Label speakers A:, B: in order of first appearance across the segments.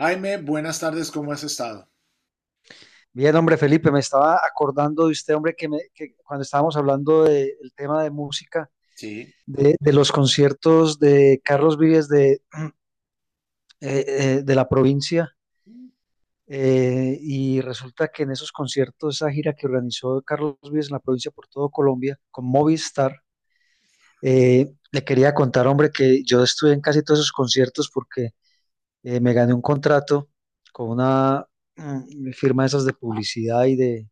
A: Jaime, buenas tardes, ¿cómo has estado?
B: Bien, hombre, Felipe, me estaba acordando de usted, hombre, que cuando estábamos hablando del tema de música,
A: Sí.
B: de los conciertos de Carlos Vives de la provincia, y resulta que en esos conciertos, esa gira que organizó Carlos Vives en la provincia por todo Colombia con Movistar, le quería contar, hombre, que yo estuve en casi todos esos conciertos porque me gané un contrato con una, firma de esas de publicidad y de,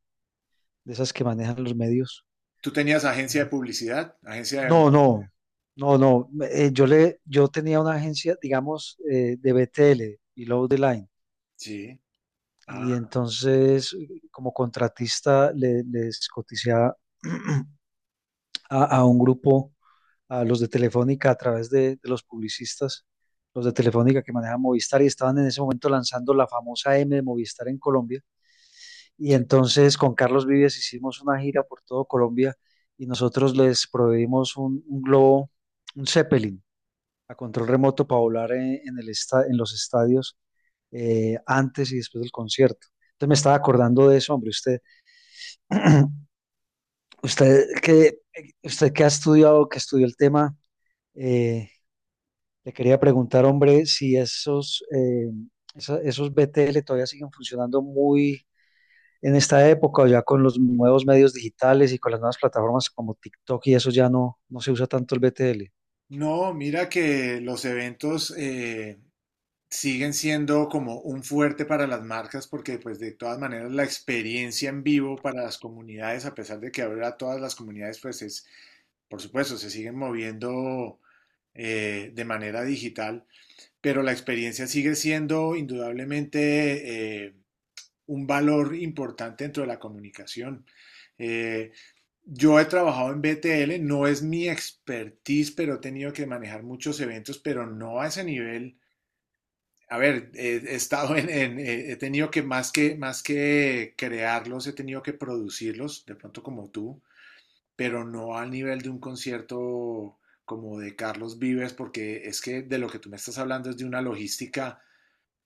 B: de esas que manejan los medios.
A: ¿Tú tenías agencia de publicidad? Agencia de...
B: No, no, no, no. Yo tenía una agencia, digamos, de BTL, Below the Line,
A: Sí.
B: y
A: Ah,
B: entonces como contratista les coticé a, a un grupo, a los de Telefónica a través de los publicistas, los de Telefónica que manejan Movistar y estaban en ese momento lanzando la famosa M de Movistar en Colombia. Y
A: ok.
B: entonces con Carlos Vives hicimos una gira por todo Colombia y nosotros les proveímos un globo, un Zeppelin a control remoto para volar en los estadios, antes y después del concierto. Entonces me estaba acordando de eso, hombre. Usted que, usted que ha estudiado, que estudió el tema, eh, le quería preguntar, hombre, si esos BTL todavía siguen funcionando muy en esta época, o ya con los nuevos medios digitales y con las nuevas plataformas como TikTok y eso ya no se usa tanto el BTL.
A: No, mira que los eventos siguen siendo como un fuerte para las marcas, porque pues de todas maneras la experiencia en vivo para las comunidades, a pesar de que ahora todas las comunidades por supuesto, se siguen moviendo de manera digital, pero la experiencia sigue siendo indudablemente... un valor importante dentro de la comunicación. Eh, yo he trabajado en BTL, no es mi expertise, pero he tenido que manejar muchos eventos, pero no a ese nivel. A ver, he estado en he tenido que más que crearlos, he tenido que producirlos, de pronto como tú, pero no al nivel de un concierto como de Carlos Vives, porque es que de lo que tú me estás hablando es de una logística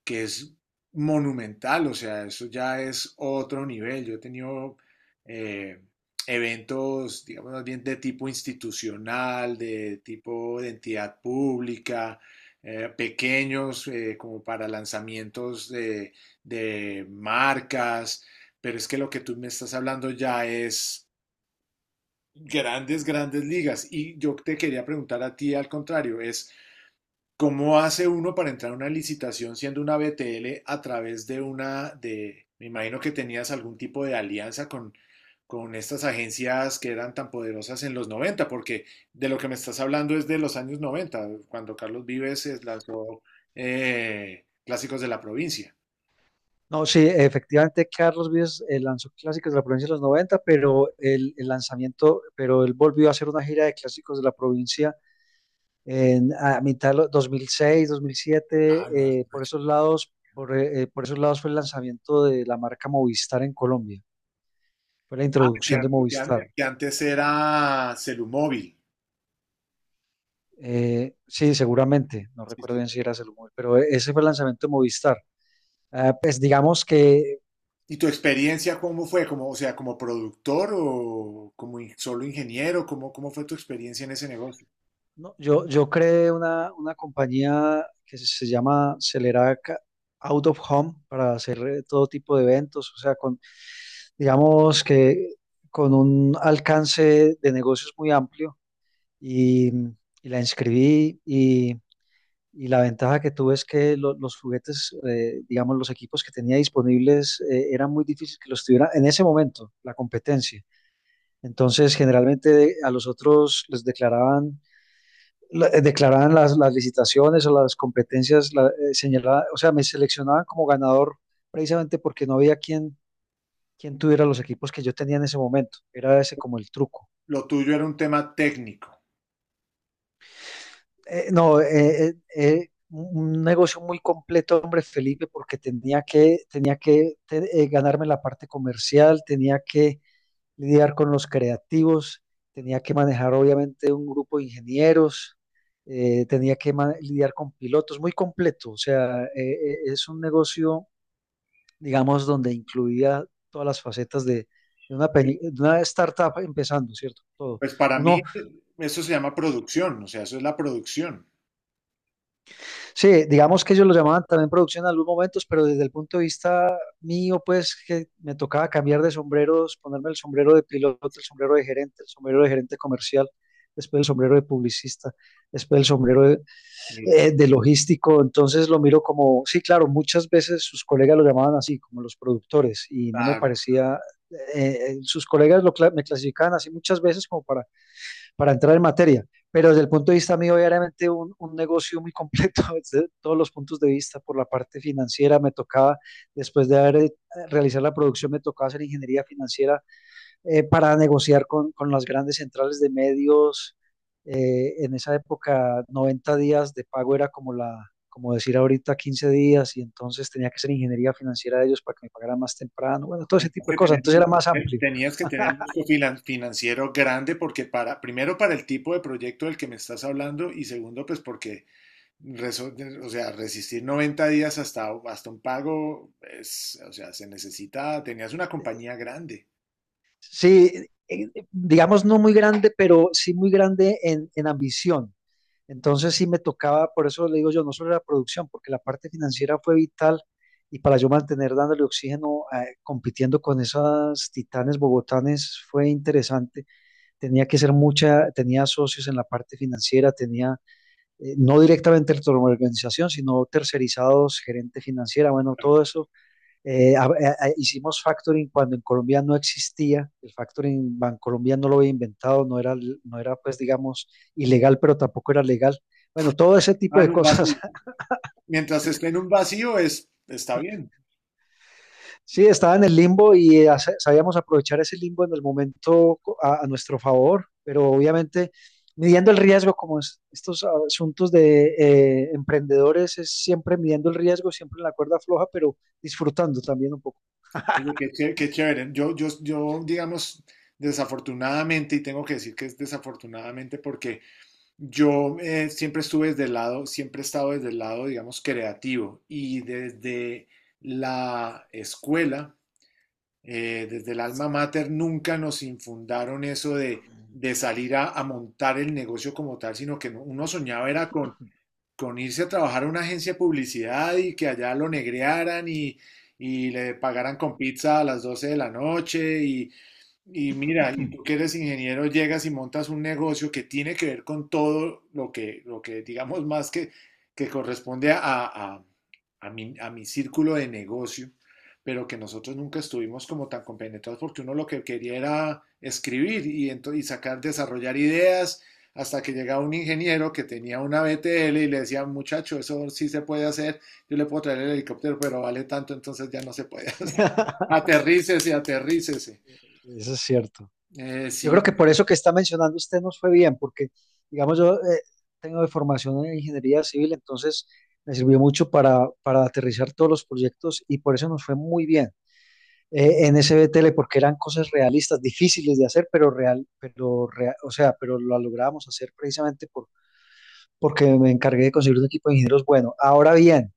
A: que es monumental, o sea, eso ya es otro nivel. Yo he tenido eh, eventos, digamos, más bien de tipo institucional, de tipo de entidad pública, pequeños, como para lanzamientos de marcas, pero es que lo que tú me estás hablando ya es grandes, grandes ligas. Y yo te quería preguntar a ti al contrario, es ¿cómo hace uno para entrar a una licitación siendo una BTL a través de una de, me imagino que tenías algún tipo de alianza con estas agencias que eran tan poderosas en los noventa? Porque de lo que me estás hablando es de los años noventa, cuando Carlos Vives lanzó Clásicos de la Provincia.
B: No, sí, efectivamente Carlos Vives lanzó clásicos de la provincia de los 90, pero pero él volvió a hacer una gira de clásicos de la provincia, a mitad de los 2006,
A: Ah, no.
B: 2007, por esos lados, por esos lados fue el lanzamiento de la marca Movistar en Colombia, fue la
A: Ah, que
B: introducción de
A: antes,
B: Movistar.
A: que antes era Celumóvil.
B: Sí, seguramente, no
A: Sí,
B: recuerdo
A: sí.
B: bien si era Salomón, pero ese fue el lanzamiento de Movistar. Ah, pues digamos que.
A: ¿Y tu experiencia cómo fue? Como, o sea, como productor o como in- solo ingeniero, cómo fue tu experiencia en ese negocio?
B: No, yo creé una compañía que se llama Celerac Out of Home, para hacer todo tipo de eventos, o sea, digamos que con un alcance de negocios muy amplio, y, y la inscribí, y la ventaja que tuve es que los juguetes, digamos, los equipos que tenía disponibles, era muy difícil que los tuviera en ese momento, la competencia. Entonces, generalmente a los otros les declaraban declaraban las licitaciones o las competencias señaladas, o sea, me seleccionaban como ganador precisamente porque no había quien tuviera los equipos que yo tenía en ese momento. Era ese como el truco.
A: Lo tuyo era un tema técnico.
B: No, un negocio muy completo, hombre Felipe, porque ganarme la parte comercial, tenía que lidiar con los creativos, tenía que manejar obviamente un grupo de ingenieros, tenía que lidiar con pilotos, muy completo. O sea, es un negocio, digamos, donde incluía todas las facetas de una startup empezando, ¿cierto? Todo.
A: Pues para mí
B: Uno
A: eso se llama producción, o sea, eso es la producción.
B: Sí, digamos que ellos lo llamaban también producción en algunos momentos, pero desde el punto de vista mío, pues que me tocaba cambiar de sombreros, ponerme el sombrero de piloto, el sombrero de gerente, el sombrero de gerente comercial, después el sombrero de publicista, después el sombrero de,
A: Mira,
B: eh, de logístico. Entonces lo miro como, sí, claro, muchas veces sus colegas lo llamaban así, como los productores, y no me
A: claro.
B: parecía, sus colegas me clasificaban así muchas veces como para entrar en materia, pero desde el punto de vista mío, obviamente un negocio muy completo desde todos los puntos de vista, por la parte financiera me tocaba, después de haber realizado la producción, me tocaba hacer ingeniería financiera para negociar con las grandes centrales de medios. En esa época, 90 días de pago era como como decir ahorita 15 días, y entonces tenía que hacer ingeniería financiera de ellos para que me pagaran más temprano, bueno, todo ese
A: Tenías
B: tipo de
A: que
B: cosas,
A: tener,
B: entonces era más amplio.
A: tenías que tener un músculo finan- financiero grande, porque para, primero para el tipo de proyecto del que me estás hablando, y segundo pues porque reso- o sea, resistir 90 días hasta, hasta un pago, es, o sea, se necesita, tenías una compañía grande.
B: Sí, digamos no muy grande, pero sí muy grande en ambición. Entonces sí me tocaba, por eso le digo yo, no solo la producción, porque la parte financiera fue vital, y para yo mantener dándole oxígeno, compitiendo con esas titanes bogotanes fue interesante. Tenía que ser mucha, tenía socios en la parte financiera, tenía no directamente la organización, sino tercerizados, gerente financiera, bueno,
A: Claro.
B: todo eso. eh, a- a- Hicimos factoring cuando en Colombia no existía, el factoring Bancolombia no lo había inventado, no era pues digamos ilegal, pero tampoco era legal. Bueno, todo ese
A: Ah,
B: tipo
A: en
B: de
A: un vacío.
B: cosas.
A: Mientras esté en un vacío, es, está bien.
B: Sí, estaba en el limbo, y sabíamos aprovechar ese limbo en el momento, a nuestro favor, pero obviamente midiendo el riesgo, como estos asuntos de emprendedores, es siempre midiendo el riesgo, siempre en la cuerda floja, pero disfrutando también un poco.
A: Oye, qué chévere, qué chévere. Yo, digamos, desafortunadamente, y tengo que decir que es desafortunadamente porque yo siempre estuve desde el lado, siempre he estado desde el lado, digamos, creativo, y desde la escuela, desde el alma mater, nunca nos infundaron eso de salir a montar el negocio como tal, sino que no- uno soñaba era con irse a trabajar a una agencia de publicidad y que allá lo negrearan y le pagaran con pizza a las 12 de la noche. Y mira, y tú que eres ingeniero, llegas y montas un negocio que tiene que ver con todo lo que digamos más que corresponde a mi círculo de negocio, pero que nosotros nunca estuvimos como tan compenetrados, porque uno lo que quería era escribir y, ento- y sacar, desarrollar ideas, hasta que llegaba un ingeniero que tenía una BTL y le decía: muchacho, eso sí se puede hacer, yo le puedo traer el helicóptero, pero vale tanto, entonces ya no se puede hacer. Aterrícese, aterrícese.
B: Eso es cierto.
A: Eh,
B: Yo
A: sí,
B: creo que
A: pues,
B: por eso que está mencionando usted nos fue bien, porque, digamos, yo tengo de formación en ingeniería civil, entonces me sirvió mucho para, aterrizar todos los proyectos, y por eso nos fue muy bien en SBTL, porque eran cosas realistas, difíciles de hacer, o sea, pero lo logramos hacer precisamente, porque me encargué de conseguir un equipo de ingenieros bueno. Ahora bien,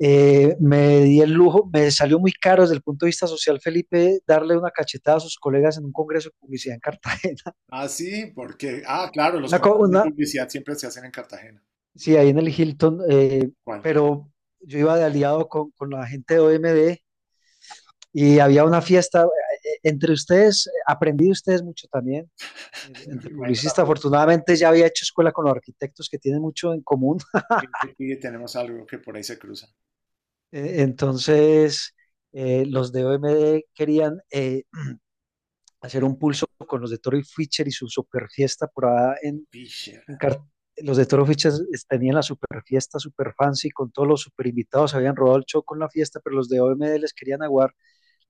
B: me di el lujo, me salió muy caro desde el punto de vista social, Felipe, darle una cachetada a sus colegas en un congreso de publicidad en Cartagena.
A: ah, sí, porque, ah, claro, los
B: Una, co-
A: concursos de
B: una-
A: publicidad siempre se hacen en Cartagena.
B: Sí, ahí en el Hilton,
A: ¿Cuál?
B: pero yo iba de aliado con la gente de OMD, y había una fiesta, entre ustedes, aprendí de ustedes mucho también,
A: Yo me
B: entre
A: imagino la
B: publicistas,
A: publicidad.
B: afortunadamente ya había hecho escuela con los arquitectos que tienen mucho en común.
A: Y tenemos algo que por ahí se cruza.
B: Entonces, los de OMD querían, hacer un pulso con los de Torrey Fisher y su super fiesta por allá. En
A: Fisher.
B: Car- los de Toro Fichas, tenían la super fiesta, super fancy, con todos los super invitados, habían robado el show con la fiesta, pero los de OMD les querían aguar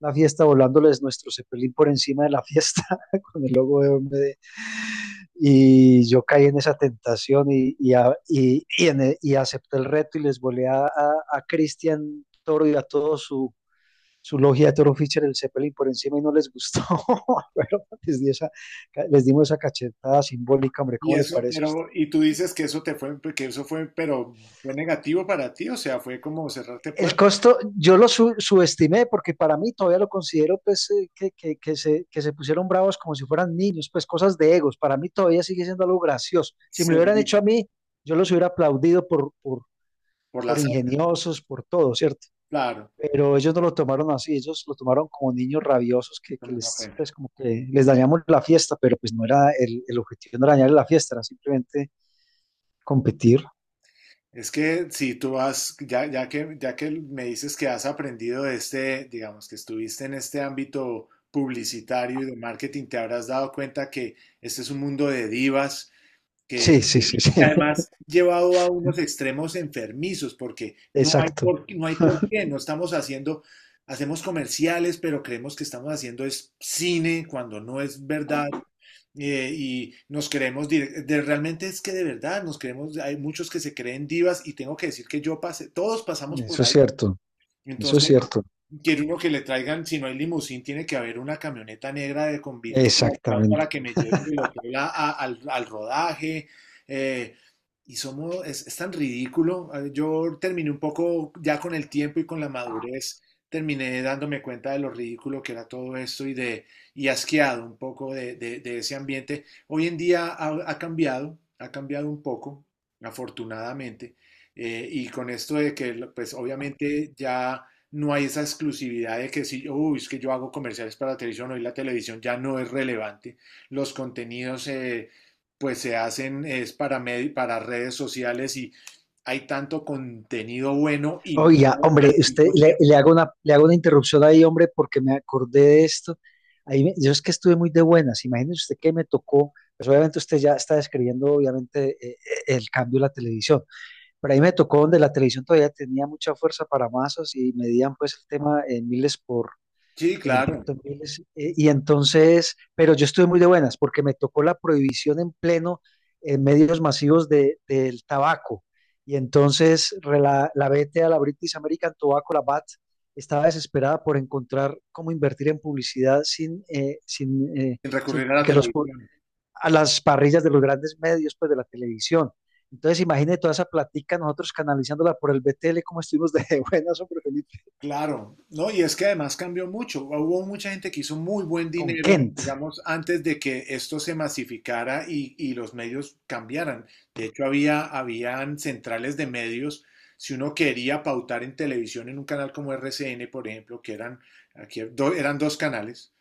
B: la fiesta volándoles nuestro Zeppelin por encima de la fiesta con el logo de OMD. Y yo caí en esa tentación, y acepté el reto, y les volé a Cristian Toro y a todo su logia de Toro Fischer el Zeppelin por encima, y no les gustó. Pero les dimos esa cachetada simbólica, hombre,
A: Y
B: ¿cómo le
A: eso,
B: parece a usted?
A: pero, y tú dices que eso te fue, que eso fue, pero fue negativo para ti, o sea, ¿fue como cerrarte
B: El
A: puertas?
B: costo, yo lo subestimé porque para mí todavía lo considero pues, que se pusieron bravos como si fueran niños, pues cosas de egos. Para mí todavía sigue siendo algo gracioso. Si me lo hubieran hecho a
A: Segurísimo,
B: mí, yo los hubiera aplaudido por, por,
A: por la
B: por
A: sangre,
B: ingeniosos, por todo, ¿cierto?
A: claro,
B: Pero ellos no lo tomaron así, ellos lo tomaron como niños rabiosos,
A: como una ofensa.
B: pues como que les dañamos la fiesta, pero pues no era el objetivo, no era dañarle la fiesta, era simplemente competir.
A: Es que si tú has, ya, ya que me dices que has aprendido de este, digamos que estuviste en este ámbito publicitario y de marketing, te habrás dado cuenta que este es un mundo de divas, que
B: Sí, sí, sí,
A: y
B: sí,
A: que además llevado a unos extremos enfermizos, porque no hay
B: exacto,
A: por, no hay por qué, no estamos haciendo, hacemos comerciales, pero creemos que estamos haciendo es cine cuando no es verdad. Y nos queremos direc- de, realmente es que de verdad nos queremos, hay muchos que se creen divas, y tengo que decir que yo pasé, todos pasamos
B: eso
A: por
B: es
A: ahí.
B: cierto, eso es
A: Entonces,
B: cierto.
A: quiero uno que le traigan, si no hay limusín, tiene que haber una camioneta negra de con vidrios con aplaus
B: Exactamente.
A: para que me lleven del hotel a- al, al rodaje. eh, y somos, es tan ridículo. Yo terminé un poco ya con el tiempo y con la madurez, terminé dándome cuenta de lo ridículo que era todo esto y de, y asqueado un poco de ese ambiente. Hoy en día ha, ha cambiado un poco, afortunadamente. Y con esto de que, pues obviamente ya no hay esa exclusividad de que si, uy, es que yo hago comerciales para la televisión, hoy la televisión ya no es relevante, los contenidos pues se hacen es para, medi- para redes sociales, y hay tanto contenido bueno y
B: Oiga,
A: malo
B: hombre,
A: al
B: usted
A: mismo
B: le, le
A: tiempo.
B: hago una, le hago una interrupción ahí, hombre, porque me acordé de esto. Ahí yo es que estuve muy de buenas. Imagínese usted que me tocó. Pues obviamente usted ya está describiendo, obviamente, el cambio de la televisión. Pero ahí me tocó donde la televisión todavía tenía mucha fuerza para masas, y medían pues el tema en miles, por
A: Sí,
B: el
A: claro,
B: impacto en miles. Y entonces, pero yo estuve muy de buenas porque me tocó la prohibición en pleno, en medios masivos, del tabaco. Y entonces, la BTA, la British American Tobacco, la BAT, estaba desesperada por encontrar cómo invertir en publicidad, sin, eh, sin, eh,
A: sin
B: sin,
A: recurrir a la
B: que los pu-
A: televisión.
B: a las parrillas de los grandes medios, pues de la televisión. Entonces, imagine toda esa platica nosotros canalizándola por el BTL, como estuvimos de buenas, sobre Felipe,
A: Claro, ¿no? Y es que además cambió mucho. Hubo mucha gente que hizo muy buen
B: con
A: dinero,
B: Kent.
A: digamos, antes de que esto se masificara y los medios cambiaran. De hecho, había, habían centrales de medios. Si uno quería pautar en televisión en un canal como RCN, por ejemplo, que eran, aquí, do- eran dos canales,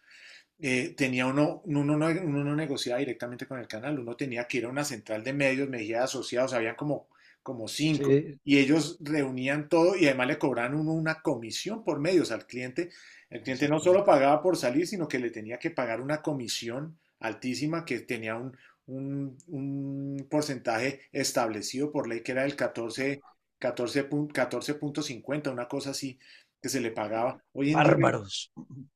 A: tenía uno, uno no negociaba directamente con el canal, uno tenía que ir a una central de medios, Mejía Asociados, habían como, como cinco,
B: Sí,
A: y ellos reunían todo y además le cobraban uno una comisión por medios al cliente. El cliente no solo
B: exactamente.
A: pagaba por salir, sino que le tenía que pagar una comisión altísima que tenía un porcentaje establecido por ley que era del 14, 14 punto cincuenta, una cosa así que se le pagaba. Hoy en día.
B: Bárbaros.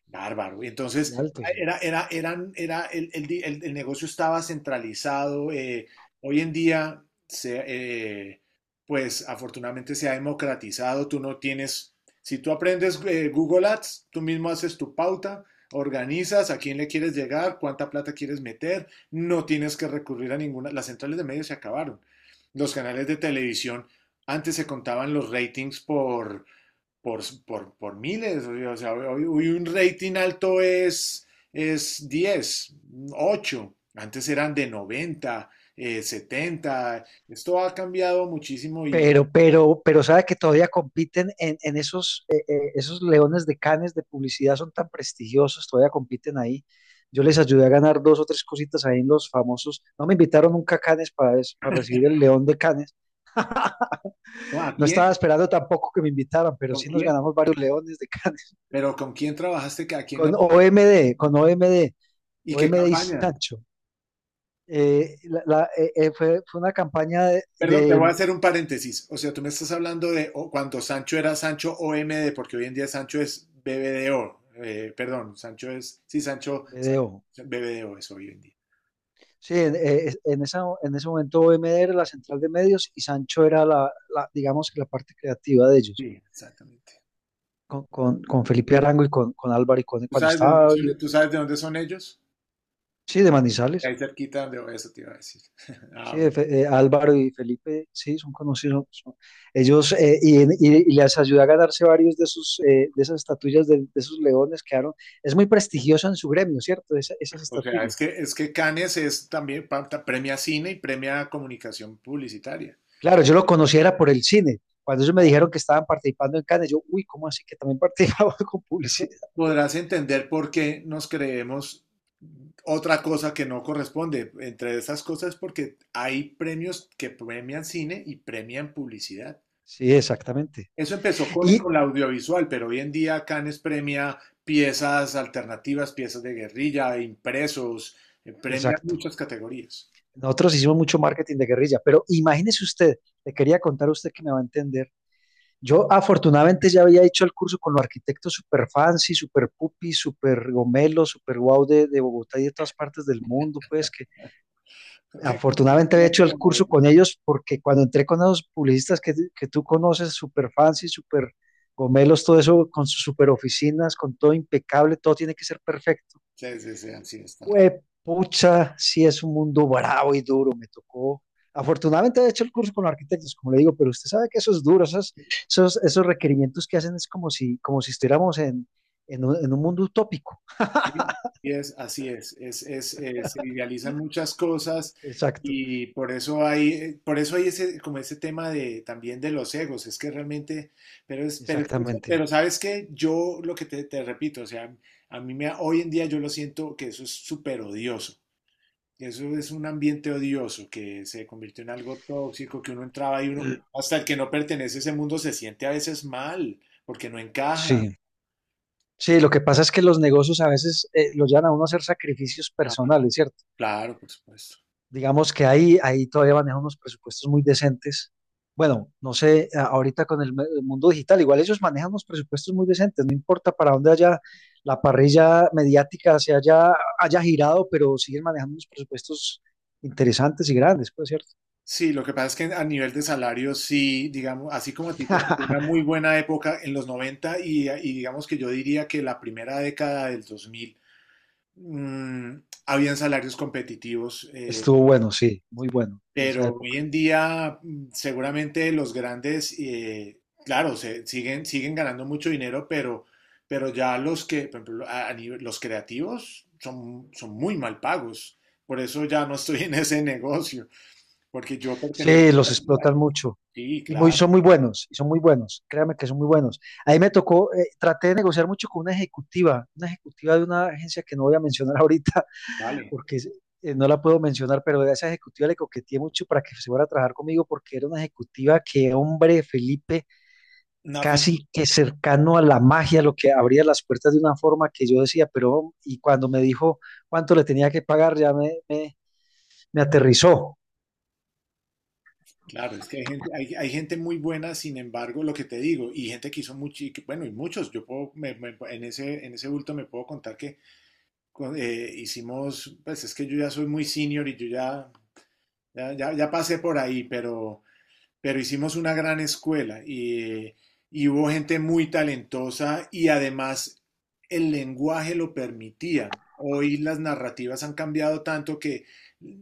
A: Bárbaro. Y
B: Muy
A: entonces,
B: alto, sí.
A: era, era, eran, era el di- el negocio estaba centralizado. Hoy en día, se, pues afortunadamente se ha democratizado. Tú no tienes, si tú aprendes Google Ads, tú mismo haces tu pauta, organizas a quién le quieres llegar, cuánta plata quieres meter. No tienes que recurrir a ninguna. Las centrales de medios se acabaron. Los canales de televisión, antes se contaban los ratings por, por miles. O sea, hoy, un rating alto es 10, 8. Antes eran de 90 70. Esto ha cambiado muchísimo y
B: Pero sabe que todavía compiten en esos leones de Cannes de publicidad, son tan prestigiosos, todavía compiten ahí. Yo les ayudé a ganar dos o tres cositas ahí en los famosos. No me invitaron nunca a Cannes, para recibir el león de Cannes.
A: ¿no? ¿A
B: No estaba
A: quién?
B: esperando tampoco que me invitaran, pero
A: ¿Con
B: sí nos
A: quién?
B: ganamos varios leones de Cannes.
A: Pero ¿con quién trabajaste? ¿A quién? ¿Hay?
B: Con OMD, con
A: ¿Y
B: OMD,
A: qué
B: OMD y
A: campaña?
B: Sancho. Una campaña de,
A: Perdón, te voy a hacer un paréntesis. O sea, tú me estás hablando de o- cuando Sancho era Sancho o m d, porque hoy en día Sancho es BBDO. Perdón, Sancho es, sí, Sancho, Sancho-
B: BDO.
A: BBDO es hoy en día.
B: Sí, en, es- en esa, en ese momento OMD era la central de medios y Sancho era digamos que la parte creativa de ellos,
A: Sí, exactamente.
B: con Felipe Arango y con Álvaro y con,
A: ¿Tú
B: cuando
A: sabes de dónde
B: estaba, vivo.
A: son, tú sabes de dónde son ellos?
B: Sí, de
A: De
B: Manizales.
A: ahí cerquita, donde eso te iba a decir. Ah, bueno.
B: Álvaro y Felipe, sí, son conocidos, son. Ellos, y, en- y- Y les ayudó a ganarse varios de sus, de esas estatuillas, de esos leones, quedaron, es muy prestigioso en su gremio, ¿cierto? Esas
A: O sea,
B: estatuillas.
A: es que Cannes es también pa- ta- premia cine y premia comunicación publicitaria.
B: Claro, yo lo conocía era por el cine. Cuando ellos me dijeron que estaban participando en Cannes, yo, uy, ¿cómo así que también participaba con
A: Es que
B: publicidad?
A: podrás entender por qué nos creemos otra cosa que no corresponde. Entre esas cosas porque hay premios que premian cine y premian publicidad.
B: Sí, exactamente.
A: Eso empezó
B: Y,
A: con la audiovisual, pero hoy en día Cannes premia piezas alternativas, piezas de guerrilla, impresos, premia
B: exacto.
A: muchas categorías.
B: Nosotros hicimos mucho marketing de guerrilla, pero imagínese usted, le quería contar a usted que me va a entender. Yo afortunadamente ya había hecho el curso con los arquitectos super fancy, super pupi, super gomelo, super guau de Bogotá y de todas partes del mundo, pues que afortunadamente había hecho el curso con ellos porque cuando entré con esos publicistas que tú conoces, super fancy, super gomelos, todo eso con sus super oficinas, con todo impecable, todo tiene que ser perfecto.
A: Sí, sí, sí, así está.
B: Pues, pucha, sí es un mundo bravo y duro, me tocó. Afortunadamente he hecho el curso con arquitectos, como le digo, pero usted sabe que eso es duro, esos requerimientos que hacen es como si estuviéramos en, en un mundo utópico.
A: Sí, y es, así es, se idealizan muchas cosas,
B: Exacto,
A: y por eso hay ese, como ese tema de, también de los egos, es que realmente, pero, es que eso-
B: exactamente.
A: pero sabes que yo lo que te repito, o sea, a mí me, hoy en día yo lo siento que eso es súper odioso, que eso es un ambiente odioso, que se convirtió en algo tóxico, que uno entraba y uno,
B: L-
A: hasta el que no pertenece a ese mundo se siente a veces mal, porque no encaja.
B: Sí, sí, lo que pasa es que los negocios a veces los llevan a uno a hacer sacrificios
A: Ah,
B: personales, ¿cierto?
A: claro, por supuesto.
B: Digamos que ahí todavía manejan unos presupuestos muy decentes. Bueno, no sé, ahorita con el mundo digital, igual ellos manejan unos presupuestos muy decentes, no importa para dónde haya la parrilla mediática haya girado, pero siguen manejando unos presupuestos interesantes y grandes, pues, ¿cierto?
A: Sí, lo que pasa es que a nivel de salario, sí, digamos, así como a ti te tocó una muy buena época en los 90 y digamos que yo diría que la primera década del 2000, mm, habían salarios competitivos,
B: Estuvo bueno, sí, muy bueno en esa
A: pero hoy
B: época.
A: en día seguramente los grandes, claro, se, siguen, siguen ganando mucho dinero, pero ya los que, por ejemplo, a nivel- los creativos son, son muy mal pagos, por eso ya no estoy en ese negocio. Porque yo pertenezco
B: Sí, los
A: a
B: explotan
A: algo-
B: mucho.
A: sí,
B: Y muy,
A: claro,
B: son muy buenos, y son muy buenos, créame que son muy buenos. Ahí me tocó, traté de negociar mucho con una ejecutiva de una agencia que no voy a mencionar ahorita,
A: vale.
B: porque es- no la puedo mencionar, pero a esa ejecutiva le coqueteé mucho para que se fuera a trabajar conmigo, porque era una ejecutiva que, hombre, Felipe,
A: Una fle-
B: casi que cercano a la magia, lo que abría las puertas de una forma que yo decía, pero, y cuando me dijo cuánto le tenía que pagar, ya me aterrizó.
A: claro, es que hay gente, hay gente muy buena, sin embargo, lo que te digo, y gente que hizo mucho, y que- bueno, y muchos, yo puedo, me- me- en ese bulto me puedo contar que con- hicimos, pues es que yo ya soy muy senior y yo ya, ya, ya, ya pasé por ahí, pero hicimos una gran escuela y hubo gente muy talentosa, y además el lenguaje lo permitía. Hoy las narrativas han cambiado tanto que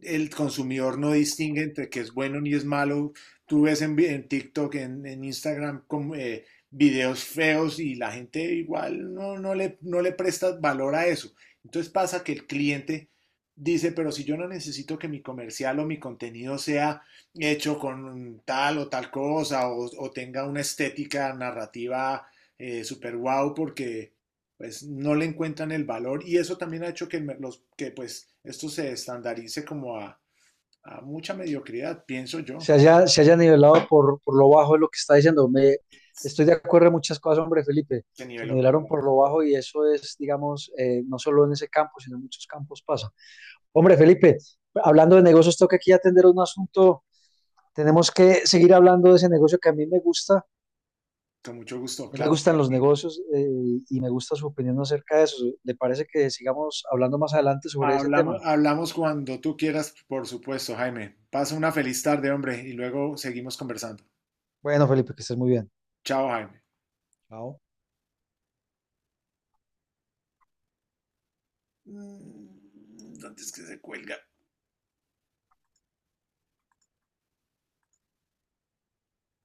A: el consumidor no distingue entre que es bueno ni es malo. Tú ves en TikTok, en Instagram, como, videos feos, y la gente igual no, no, le, no le presta valor a eso. Entonces pasa que el cliente dice, pero si yo no necesito que mi comercial o mi contenido sea hecho con tal o tal cosa, o tenga una estética narrativa super wow, porque pues no le encuentran el valor, y eso también ha hecho que, me- los, que pues esto se estandarice como a mucha mediocridad, pienso yo.
B: Se se haya nivelado por lo bajo de lo que está diciendo. Estoy de acuerdo en muchas cosas, hombre, Felipe.
A: Se
B: Se
A: niveló por lo
B: nivelaron
A: bajo.
B: por lo bajo y eso es, digamos, no solo en ese campo, sino en muchos campos pasa. Hombre, Felipe, hablando de negocios, tengo que aquí atender un asunto. Tenemos que seguir hablando de ese negocio que a mí me gusta. A
A: Con mucho gusto,
B: mí me
A: claro.
B: gustan los negocios y me gusta su opinión acerca de eso. ¿Le parece que sigamos hablando más adelante sobre ese
A: Hablamos,
B: tema?
A: hablamos cuando tú quieras, por supuesto, Jaime. Pasa una feliz tarde, hombre, y luego seguimos conversando.
B: Bueno, Felipe, que estés muy bien.
A: Chao, Jaime.
B: Chao.
A: Mm, ¿dónde es que se cuelga?